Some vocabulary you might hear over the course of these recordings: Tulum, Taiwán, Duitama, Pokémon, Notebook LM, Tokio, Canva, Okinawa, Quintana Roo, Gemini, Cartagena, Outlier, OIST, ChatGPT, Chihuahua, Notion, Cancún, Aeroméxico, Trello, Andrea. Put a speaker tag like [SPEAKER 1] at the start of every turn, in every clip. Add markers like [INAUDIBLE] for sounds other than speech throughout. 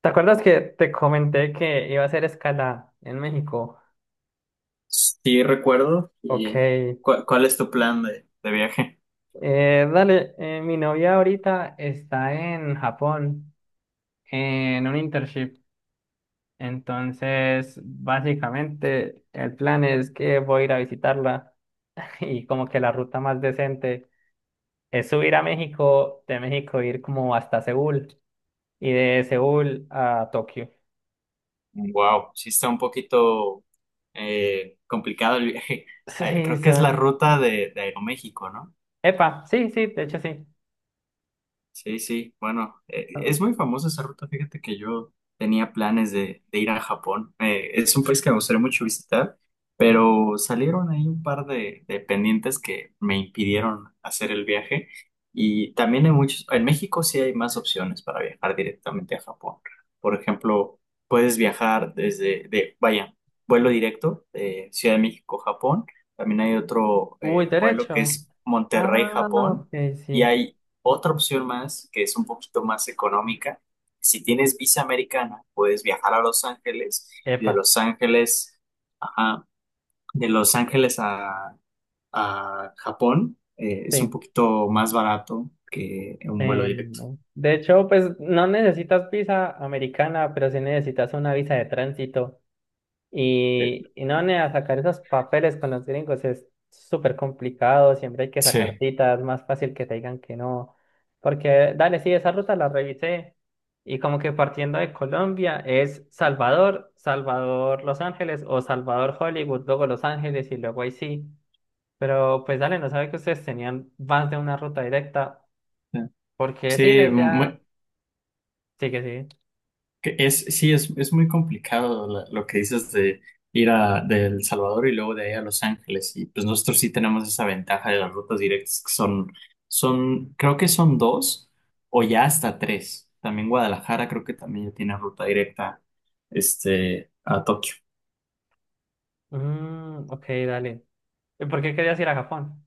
[SPEAKER 1] ¿Te acuerdas que te comenté que iba a hacer escala en México?
[SPEAKER 2] Sí, recuerdo. ¿Y
[SPEAKER 1] Ok.
[SPEAKER 2] cuál es tu plan de viaje?
[SPEAKER 1] Mi novia ahorita está en Japón en un internship. Entonces, básicamente, el plan es que voy a ir a visitarla [LAUGHS] y como que la ruta más decente es subir a México, de México ir como hasta Seúl y de Seúl a Tokio.
[SPEAKER 2] Wow, sí está un poquito complicado el viaje. [LAUGHS] Eh,
[SPEAKER 1] Sí,
[SPEAKER 2] creo que es la
[SPEAKER 1] son...
[SPEAKER 2] ruta de Aeroméxico, ¿no?
[SPEAKER 1] Epa, sí, sí, de hecho sí.
[SPEAKER 2] Sí, sí, bueno, es muy famosa esa ruta. Fíjate que yo tenía planes de ir a Japón. Es un país que me gustaría mucho visitar, pero salieron ahí un par de pendientes que me impidieron hacer el viaje. Y también hay muchos, en México sí hay más opciones para viajar directamente a Japón. Por ejemplo, puedes viajar vaya, vuelo directo de Ciudad de México, Japón. También hay otro
[SPEAKER 1] Uy,
[SPEAKER 2] vuelo que
[SPEAKER 1] derecho.
[SPEAKER 2] es Monterrey,
[SPEAKER 1] Ah, ok,
[SPEAKER 2] Japón. Y
[SPEAKER 1] sí.
[SPEAKER 2] hay otra opción más, que es un poquito más económica. Si tienes visa americana, puedes viajar a Los Ángeles y de
[SPEAKER 1] Epa,
[SPEAKER 2] Los Ángeles, ajá, de Los Ángeles a Japón. Es un
[SPEAKER 1] sí.
[SPEAKER 2] poquito más barato que un vuelo
[SPEAKER 1] Eh,
[SPEAKER 2] directo.
[SPEAKER 1] de hecho, pues no necesitas visa americana, pero sí necesitas una visa de tránsito.
[SPEAKER 2] Eh,
[SPEAKER 1] Y no, nea, sacar esos papeles con los gringos es súper complicado. Siempre hay que sacar
[SPEAKER 2] Sí,
[SPEAKER 1] citas. Es más fácil que te digan que no. Porque, dale, sí, esa ruta la revisé. Y como que partiendo de Colombia es Salvador, Salvador Los Ángeles o Salvador Hollywood, luego Los Ángeles y luego ahí sí. Pero pues dale, no sabía que ustedes tenían más de una ruta directa, porque sí, la
[SPEAKER 2] sí,
[SPEAKER 1] idea... Sí que sí.
[SPEAKER 2] Que Es, sí, es muy complicado lo que dices de ir a de El Salvador y luego de ahí a Los Ángeles. Y pues nosotros sí tenemos esa ventaja de las rutas directas que son, creo que son dos o ya hasta tres. También Guadalajara creo que también ya tiene ruta directa, a Tokio.
[SPEAKER 1] Mm, ok, dale. ¿Y por qué querías ir a Japón?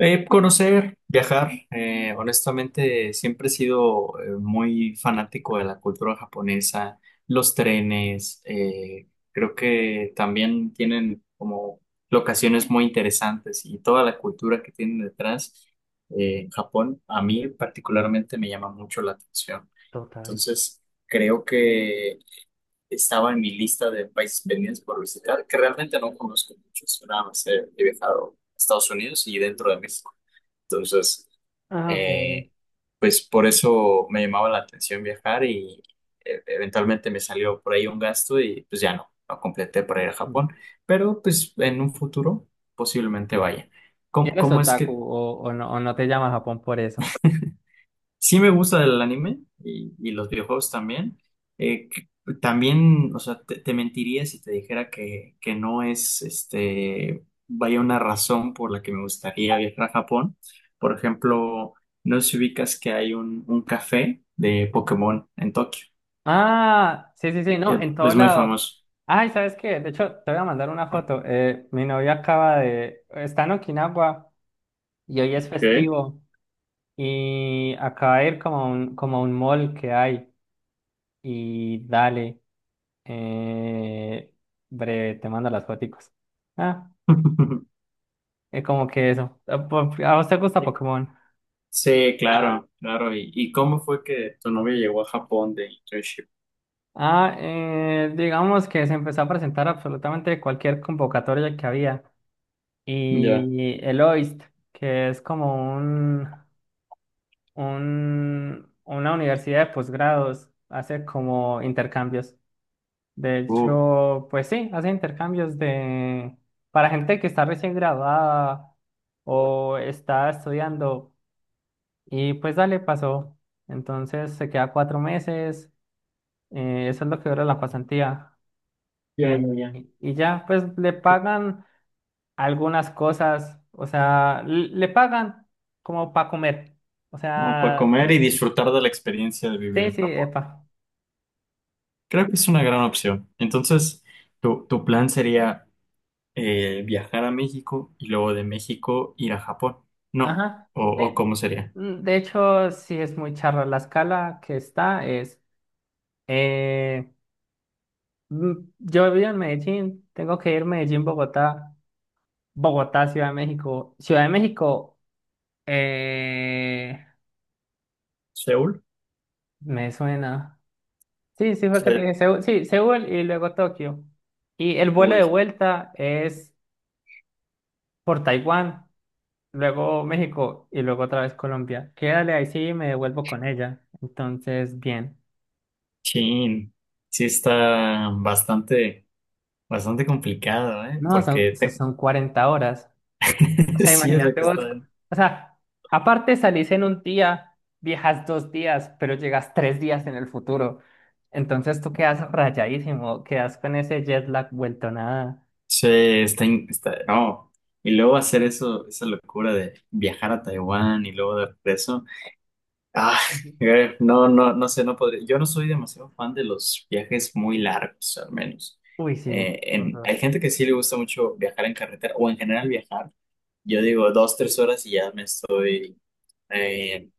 [SPEAKER 2] Conocer, viajar, honestamente siempre he sido muy fanático de la cultura japonesa, los trenes. Creo que también tienen como locaciones muy interesantes y toda la cultura que tienen detrás. Japón, a mí particularmente me llama mucho la atención.
[SPEAKER 1] Total.
[SPEAKER 2] Entonces, creo que estaba en mi lista de países pendientes por visitar, que realmente no conozco muchos. Nada más he viajado a Estados Unidos y dentro de México. Entonces,
[SPEAKER 1] Ah, ok.
[SPEAKER 2] eh, pues por eso me llamaba la atención viajar y eventualmente me salió por ahí un gasto y pues ya no completé para ir a Japón,
[SPEAKER 1] Mm.
[SPEAKER 2] pero pues en un futuro posiblemente vaya.
[SPEAKER 1] ¿Y
[SPEAKER 2] ¿Cómo,
[SPEAKER 1] eres
[SPEAKER 2] cómo es
[SPEAKER 1] otaku
[SPEAKER 2] que...
[SPEAKER 1] o no, o no te llama Japón por eso?
[SPEAKER 2] Sí, me gusta el anime y los videojuegos también. Eh, que- también, o sea, te mentiría si te dijera que, no es, vaya, una razón por la que me gustaría viajar a Japón. Por ejemplo, no sé si ubicas que hay un café de Pokémon en Tokio.
[SPEAKER 1] Ah, sí, sí, sí, no, en todo
[SPEAKER 2] Es muy
[SPEAKER 1] lado.
[SPEAKER 2] famoso.
[SPEAKER 1] Ay, ¿sabes qué? De hecho, te voy a mandar una foto. Mi novia acaba de... Está en Okinawa y hoy es
[SPEAKER 2] Ok.
[SPEAKER 1] festivo y acaba de ir como a un mall que hay y dale. Eh, breve, te mando las foticos. Ah,
[SPEAKER 2] [LAUGHS]
[SPEAKER 1] es como que eso. ¿A vos te gusta Pokémon?
[SPEAKER 2] Sí, claro, claro. ¿Y cómo fue que tu novia llegó a Japón de internship?
[SPEAKER 1] Ah, digamos que se empezó a presentar absolutamente cualquier convocatoria que había.
[SPEAKER 2] Ya.
[SPEAKER 1] Y el OIST, que es como una universidad de posgrados, hace como intercambios. De
[SPEAKER 2] Uh,
[SPEAKER 1] hecho, pues sí, hace intercambios de para gente que está recién graduada o está estudiando. Y pues dale, pasó. Entonces se queda cuatro meses, eso es lo que dura la pasantía.
[SPEAKER 2] Ya, ya, ya.
[SPEAKER 1] Y ya, pues le pagan algunas cosas, o sea, le pagan como para comer. O
[SPEAKER 2] Como para
[SPEAKER 1] sea,
[SPEAKER 2] comer y disfrutar de la experiencia de vivir
[SPEAKER 1] sí,
[SPEAKER 2] en
[SPEAKER 1] sí,
[SPEAKER 2] Japón.
[SPEAKER 1] epa.
[SPEAKER 2] Creo que es una gran opción. Entonces, tu plan sería, viajar a México y luego de México ir a Japón. No,
[SPEAKER 1] Ajá.
[SPEAKER 2] o
[SPEAKER 1] De,
[SPEAKER 2] ¿cómo sería?
[SPEAKER 1] mm, de hecho, sí es muy charra. La escala que está es, eh, mm, Yo vivo en Medellín, tengo que ir Medellín, Bogotá, Bogotá, Ciudad de México. Ciudad de México. Eh,
[SPEAKER 2] ¿Seúl?
[SPEAKER 1] me suena. Sí, sí, fue que te
[SPEAKER 2] Se-
[SPEAKER 1] dije Seúl. Sí, Seúl y luego Tokio. Y el vuelo de
[SPEAKER 2] Uy,
[SPEAKER 1] vuelta es por Taiwán, luego México y luego otra vez Colombia. Quédale ahí sí y me devuelvo con ella. Entonces, bien.
[SPEAKER 2] chin. Sí está bastante, bastante complicado, ¿eh?
[SPEAKER 1] No, son,
[SPEAKER 2] Porque
[SPEAKER 1] son son 40 horas. O
[SPEAKER 2] [LAUGHS]
[SPEAKER 1] sea,
[SPEAKER 2] sí es lo
[SPEAKER 1] imagínate
[SPEAKER 2] que
[SPEAKER 1] vos.
[SPEAKER 2] está,
[SPEAKER 1] O sea, aparte salís en un día, viajas dos días, pero llegas tres días en el futuro. Entonces tú quedas rayadísimo, quedas con ese jet lag vuelto nada.
[SPEAKER 2] sí, está, está. No. Y luego hacer eso, esa locura de viajar a Taiwán y luego de regreso. Ah, no, no, no sé, no podría. Yo no soy demasiado fan de los viajes muy largos, al menos.
[SPEAKER 1] Uy, sí, por dos.
[SPEAKER 2] Hay gente que sí le gusta mucho viajar en carretera o en general viajar. Yo digo 2, 3 horas y ya me estoy, eh,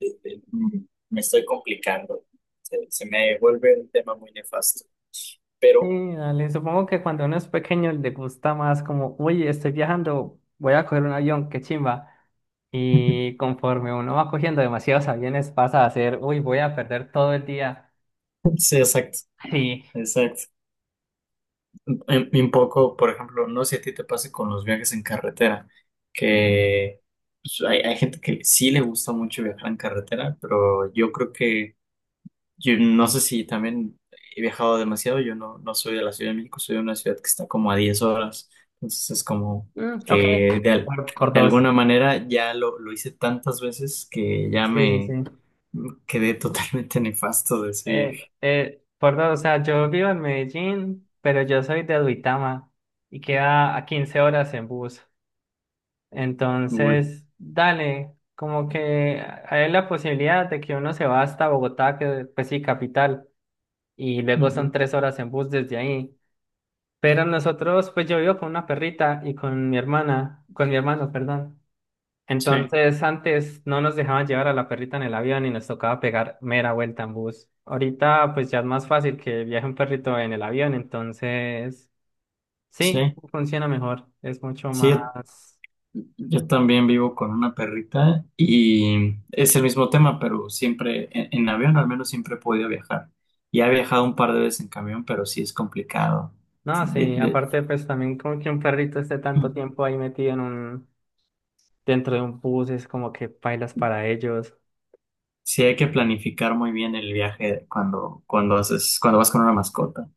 [SPEAKER 2] eh, eh, mm, me estoy complicando. Se me vuelve un tema muy nefasto. Pero,
[SPEAKER 1] Sí, dale. Supongo que cuando uno es pequeño le gusta más como, uy, estoy viajando, voy a coger un avión, qué chimba. Y
[SPEAKER 2] [LAUGHS]
[SPEAKER 1] conforme uno va cogiendo demasiados aviones pasa a ser, uy, voy a perder todo el día. [LAUGHS]
[SPEAKER 2] sí, exacto,
[SPEAKER 1] Sí,
[SPEAKER 2] exacto. Un poco, por ejemplo, no sé si a ti te pase con los viajes en carretera, que pues, hay gente que sí le gusta mucho viajar en carretera. Pero yo creo que, yo no sé si también he viajado demasiado. Yo no soy de la Ciudad de México, soy de una ciudad que está como a 10 horas. Entonces es como
[SPEAKER 1] mm, ok,
[SPEAKER 2] que
[SPEAKER 1] por
[SPEAKER 2] de
[SPEAKER 1] dos.
[SPEAKER 2] alguna manera ya lo hice tantas veces que ya
[SPEAKER 1] Sí, sí,
[SPEAKER 2] me
[SPEAKER 1] sí.
[SPEAKER 2] quedé [LAUGHS] totalmente nefasto de ese viaje.
[SPEAKER 1] Por dos, o sea, yo vivo en Medellín, pero yo soy de Duitama y queda a 15 horas en bus.
[SPEAKER 2] Uy.
[SPEAKER 1] Entonces, dale, como que hay la posibilidad de que uno se va hasta Bogotá, que pues sí, capital, y luego son
[SPEAKER 2] Ujú.
[SPEAKER 1] tres horas en bus desde ahí. Pero nosotros, pues yo vivo con una perrita y con mi hermana, con mi hermano, perdón.
[SPEAKER 2] Sí.
[SPEAKER 1] Entonces, antes no nos dejaban llevar a la perrita en el avión y nos tocaba pegar mera vuelta en bus. Ahorita, pues ya es más fácil que viaje un perrito en el avión, entonces, sí,
[SPEAKER 2] Sí,
[SPEAKER 1] funciona mejor, es mucho
[SPEAKER 2] sí,
[SPEAKER 1] más.
[SPEAKER 2] yo también vivo con una perrita y es el mismo tema, pero siempre en avión, al menos siempre he podido viajar. Ya he viajado un par de veces en camión, pero sí es complicado.
[SPEAKER 1] No,
[SPEAKER 2] De-
[SPEAKER 1] sí,
[SPEAKER 2] de-
[SPEAKER 1] aparte pues también como que un perrito esté tanto tiempo ahí metido en un, dentro de un bus, es como que bailas para ellos.
[SPEAKER 2] sí hay que planificar muy bien el viaje cuando, haces, cuando vas con una mascota.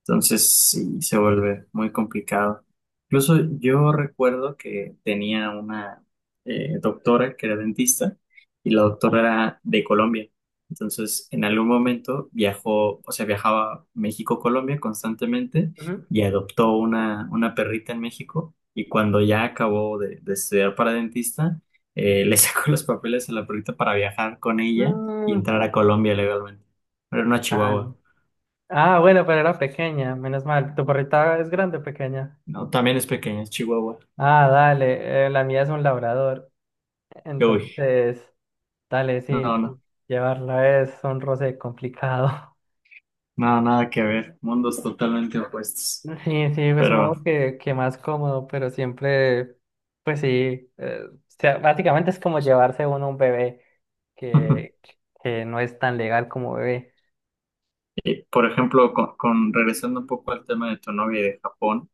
[SPEAKER 2] Entonces sí, se vuelve muy complicado. Incluso yo recuerdo que tenía una, doctora que era dentista, y la doctora era de Colombia. Entonces en algún momento viajó, o sea, viajaba a México-Colombia constantemente
[SPEAKER 1] Ujú.
[SPEAKER 2] y adoptó una perrita en México, y cuando ya acabó de estudiar para dentista, le [LAUGHS] sacó los papeles a la perrita para viajar con ella y
[SPEAKER 1] Mm,
[SPEAKER 2] entrar a Colombia legalmente. Pero no a
[SPEAKER 1] dale.
[SPEAKER 2] Chihuahua.
[SPEAKER 1] Ah, bueno, pero era pequeña, menos mal. ¿Tu perrita es grande o pequeña?
[SPEAKER 2] No, también es pequeña, es Chihuahua.
[SPEAKER 1] Ah, dale, la mía es un labrador.
[SPEAKER 2] Uy,
[SPEAKER 1] Entonces, dale,
[SPEAKER 2] no,
[SPEAKER 1] sí,
[SPEAKER 2] no,
[SPEAKER 1] sí, llevarla es un roce complicado.
[SPEAKER 2] no, nada que ver, mundos totalmente opuestos.
[SPEAKER 1] Sí, sí, pues supongo
[SPEAKER 2] Pero,
[SPEAKER 1] que más cómodo, pero siempre, pues sí, o sea, básicamente es como llevarse uno un bebé que,
[SPEAKER 2] [LAUGHS]
[SPEAKER 1] que no es tan legal como bebé.
[SPEAKER 2] por ejemplo, regresando un poco al tema de tu novia y de Japón,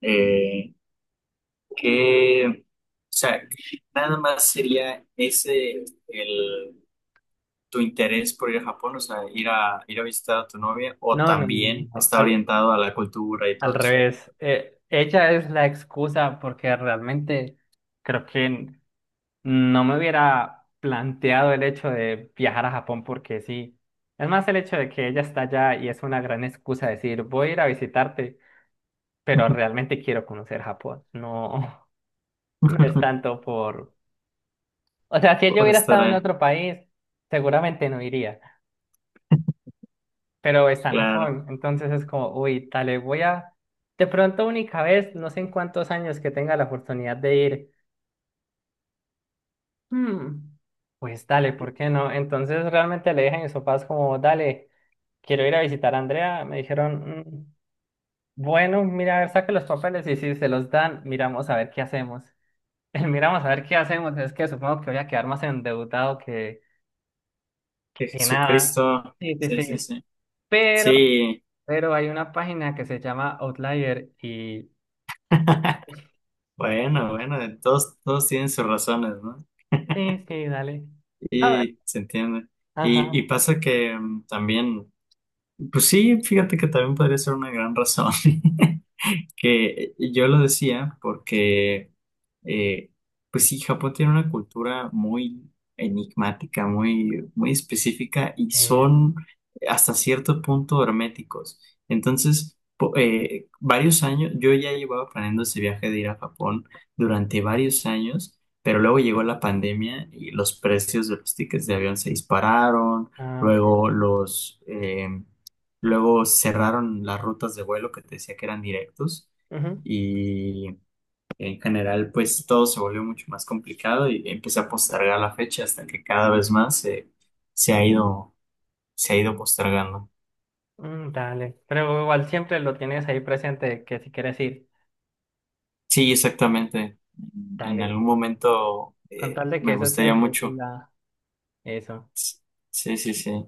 [SPEAKER 2] eh, o sea, nada más sería ese tu interés por ir a Japón, o sea, ir a visitar a tu novia, o
[SPEAKER 1] No, no, no,
[SPEAKER 2] también
[SPEAKER 1] no,
[SPEAKER 2] está
[SPEAKER 1] al,
[SPEAKER 2] orientado a la cultura y
[SPEAKER 1] al
[SPEAKER 2] todo eso.
[SPEAKER 1] revés. Ella es la excusa porque realmente creo que no me hubiera planteado el hecho de viajar a Japón porque sí. Es más el hecho de que ella está allá y es una gran excusa decir, voy a ir a visitarte pero realmente quiero conocer Japón. No, no es
[SPEAKER 2] [LAUGHS]
[SPEAKER 1] tanto por... O sea, si yo
[SPEAKER 2] Por
[SPEAKER 1] hubiera
[SPEAKER 2] estar
[SPEAKER 1] estado en
[SPEAKER 2] ahí,
[SPEAKER 1] otro país, seguramente no iría, pero está en
[SPEAKER 2] claro.
[SPEAKER 1] Japón, entonces es como, uy, dale, voy a... De pronto única vez, no sé en cuántos años que tenga la oportunidad de ir, hmm, pues dale, ¿por qué no? Entonces realmente le dije a mis papás como, dale, quiero ir a visitar a Andrea, me dijeron, "Mm, bueno, mira, a ver, saque los papeles y si se los dan, miramos a ver qué hacemos. [LAUGHS] El miramos a ver qué hacemos, es que supongo que voy a quedar más endeudado que
[SPEAKER 2] De
[SPEAKER 1] nada."
[SPEAKER 2] Jesucristo,
[SPEAKER 1] Sí, sí,
[SPEAKER 2] sí, sí,
[SPEAKER 1] sí.
[SPEAKER 2] sí.
[SPEAKER 1] Pero,
[SPEAKER 2] Sí,
[SPEAKER 1] pero hay una página que se llama Outlier y...
[SPEAKER 2] bueno, bueno, todos tienen sus razones, ¿no?
[SPEAKER 1] Sí, sí, dale. Ah,
[SPEAKER 2] Y se entiende. Y
[SPEAKER 1] ajá.
[SPEAKER 2] pasa que también, pues sí, fíjate que también podría ser una gran razón. [LAUGHS] Que yo lo decía porque, eh, pues sí, Japón tiene una cultura muy enigmática, muy, muy específica, y
[SPEAKER 1] Eh,
[SPEAKER 2] son hasta cierto punto herméticos. Entonces, varios años, yo ya llevaba planeando ese viaje de ir a Japón durante varios años. Pero luego llegó la pandemia y los precios de los tickets de avión se dispararon.
[SPEAKER 1] ok,
[SPEAKER 2] luego
[SPEAKER 1] dale.
[SPEAKER 2] los... eh, Luego cerraron las rutas de vuelo que te decía que eran directos,
[SPEAKER 1] Ujú.
[SPEAKER 2] y en general pues todo se volvió mucho más complicado, y empecé a postergar la fecha hasta que cada vez más se ha ido, se ha ido postergando.
[SPEAKER 1] Mm, dale. Pero igual siempre lo tienes ahí presente que si quieres ir,
[SPEAKER 2] Sí, exactamente. En
[SPEAKER 1] dale.
[SPEAKER 2] algún
[SPEAKER 1] Sí.
[SPEAKER 2] momento,
[SPEAKER 1] Con tal de que
[SPEAKER 2] me
[SPEAKER 1] eso
[SPEAKER 2] gustaría
[SPEAKER 1] siempre
[SPEAKER 2] mucho.
[SPEAKER 1] siga eso.
[SPEAKER 2] Sí, sí, sí.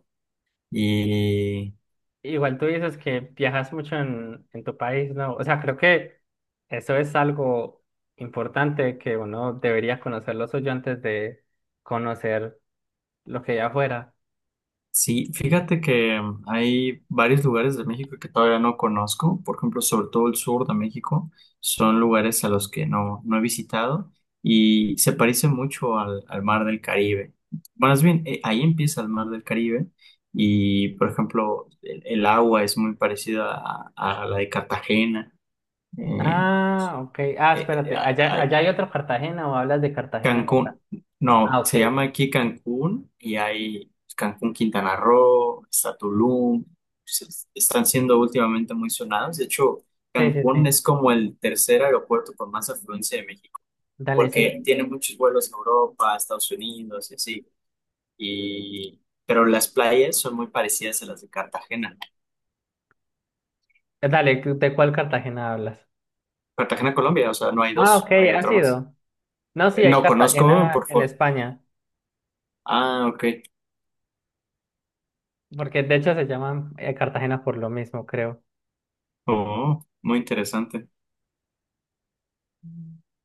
[SPEAKER 2] Y
[SPEAKER 1] Igual tú dices que viajas mucho en tu país, ¿no? O sea, creo que eso es algo importante que uno debería conocer lo suyo antes de conocer. Lo que ya fuera.
[SPEAKER 2] sí,
[SPEAKER 1] Y-
[SPEAKER 2] fíjate que hay varios lugares de México que todavía no conozco, por ejemplo, sobre todo el sur de México. Son lugares a los que no he visitado, y se parece mucho al mar del Caribe. Bueno, más bien, ahí empieza el mar del Caribe. Y, por ejemplo, el agua es muy parecida a la de Cartagena. Eh,
[SPEAKER 1] Ah, ok. Ah,
[SPEAKER 2] eh,
[SPEAKER 1] espérate. ¿Allá,
[SPEAKER 2] eh,
[SPEAKER 1] allá hay otro Cartagena o hablas de Cartagena de acá?
[SPEAKER 2] Cancún,
[SPEAKER 1] Ah,
[SPEAKER 2] no,
[SPEAKER 1] ok.
[SPEAKER 2] se llama aquí Cancún, y hay pues, Cancún, Quintana Roo, está Tulum. se- Están siendo últimamente muy sonados. De hecho,
[SPEAKER 1] Sí, sí,
[SPEAKER 2] Cancún
[SPEAKER 1] sí.
[SPEAKER 2] es como el tercer aeropuerto con más afluencia de México,
[SPEAKER 1] Dale, sí.
[SPEAKER 2] porque tiene muchos vuelos a Europa, a Estados Unidos y así. Y, pero las playas son muy parecidas a las de Cartagena.
[SPEAKER 1] Dale, ¿de cuál Cartagena hablas?
[SPEAKER 2] Cartagena, Colombia, o sea, no hay
[SPEAKER 1] Ah, ok,
[SPEAKER 2] dos, hay
[SPEAKER 1] ha
[SPEAKER 2] otra más.
[SPEAKER 1] sido. No, sí, hay
[SPEAKER 2] No conozco
[SPEAKER 1] Cartagena
[SPEAKER 2] por
[SPEAKER 1] en
[SPEAKER 2] foto.
[SPEAKER 1] España,
[SPEAKER 2] Ah, ok.
[SPEAKER 1] porque de hecho se llaman Cartagena por lo mismo, creo.
[SPEAKER 2] Oh, muy interesante.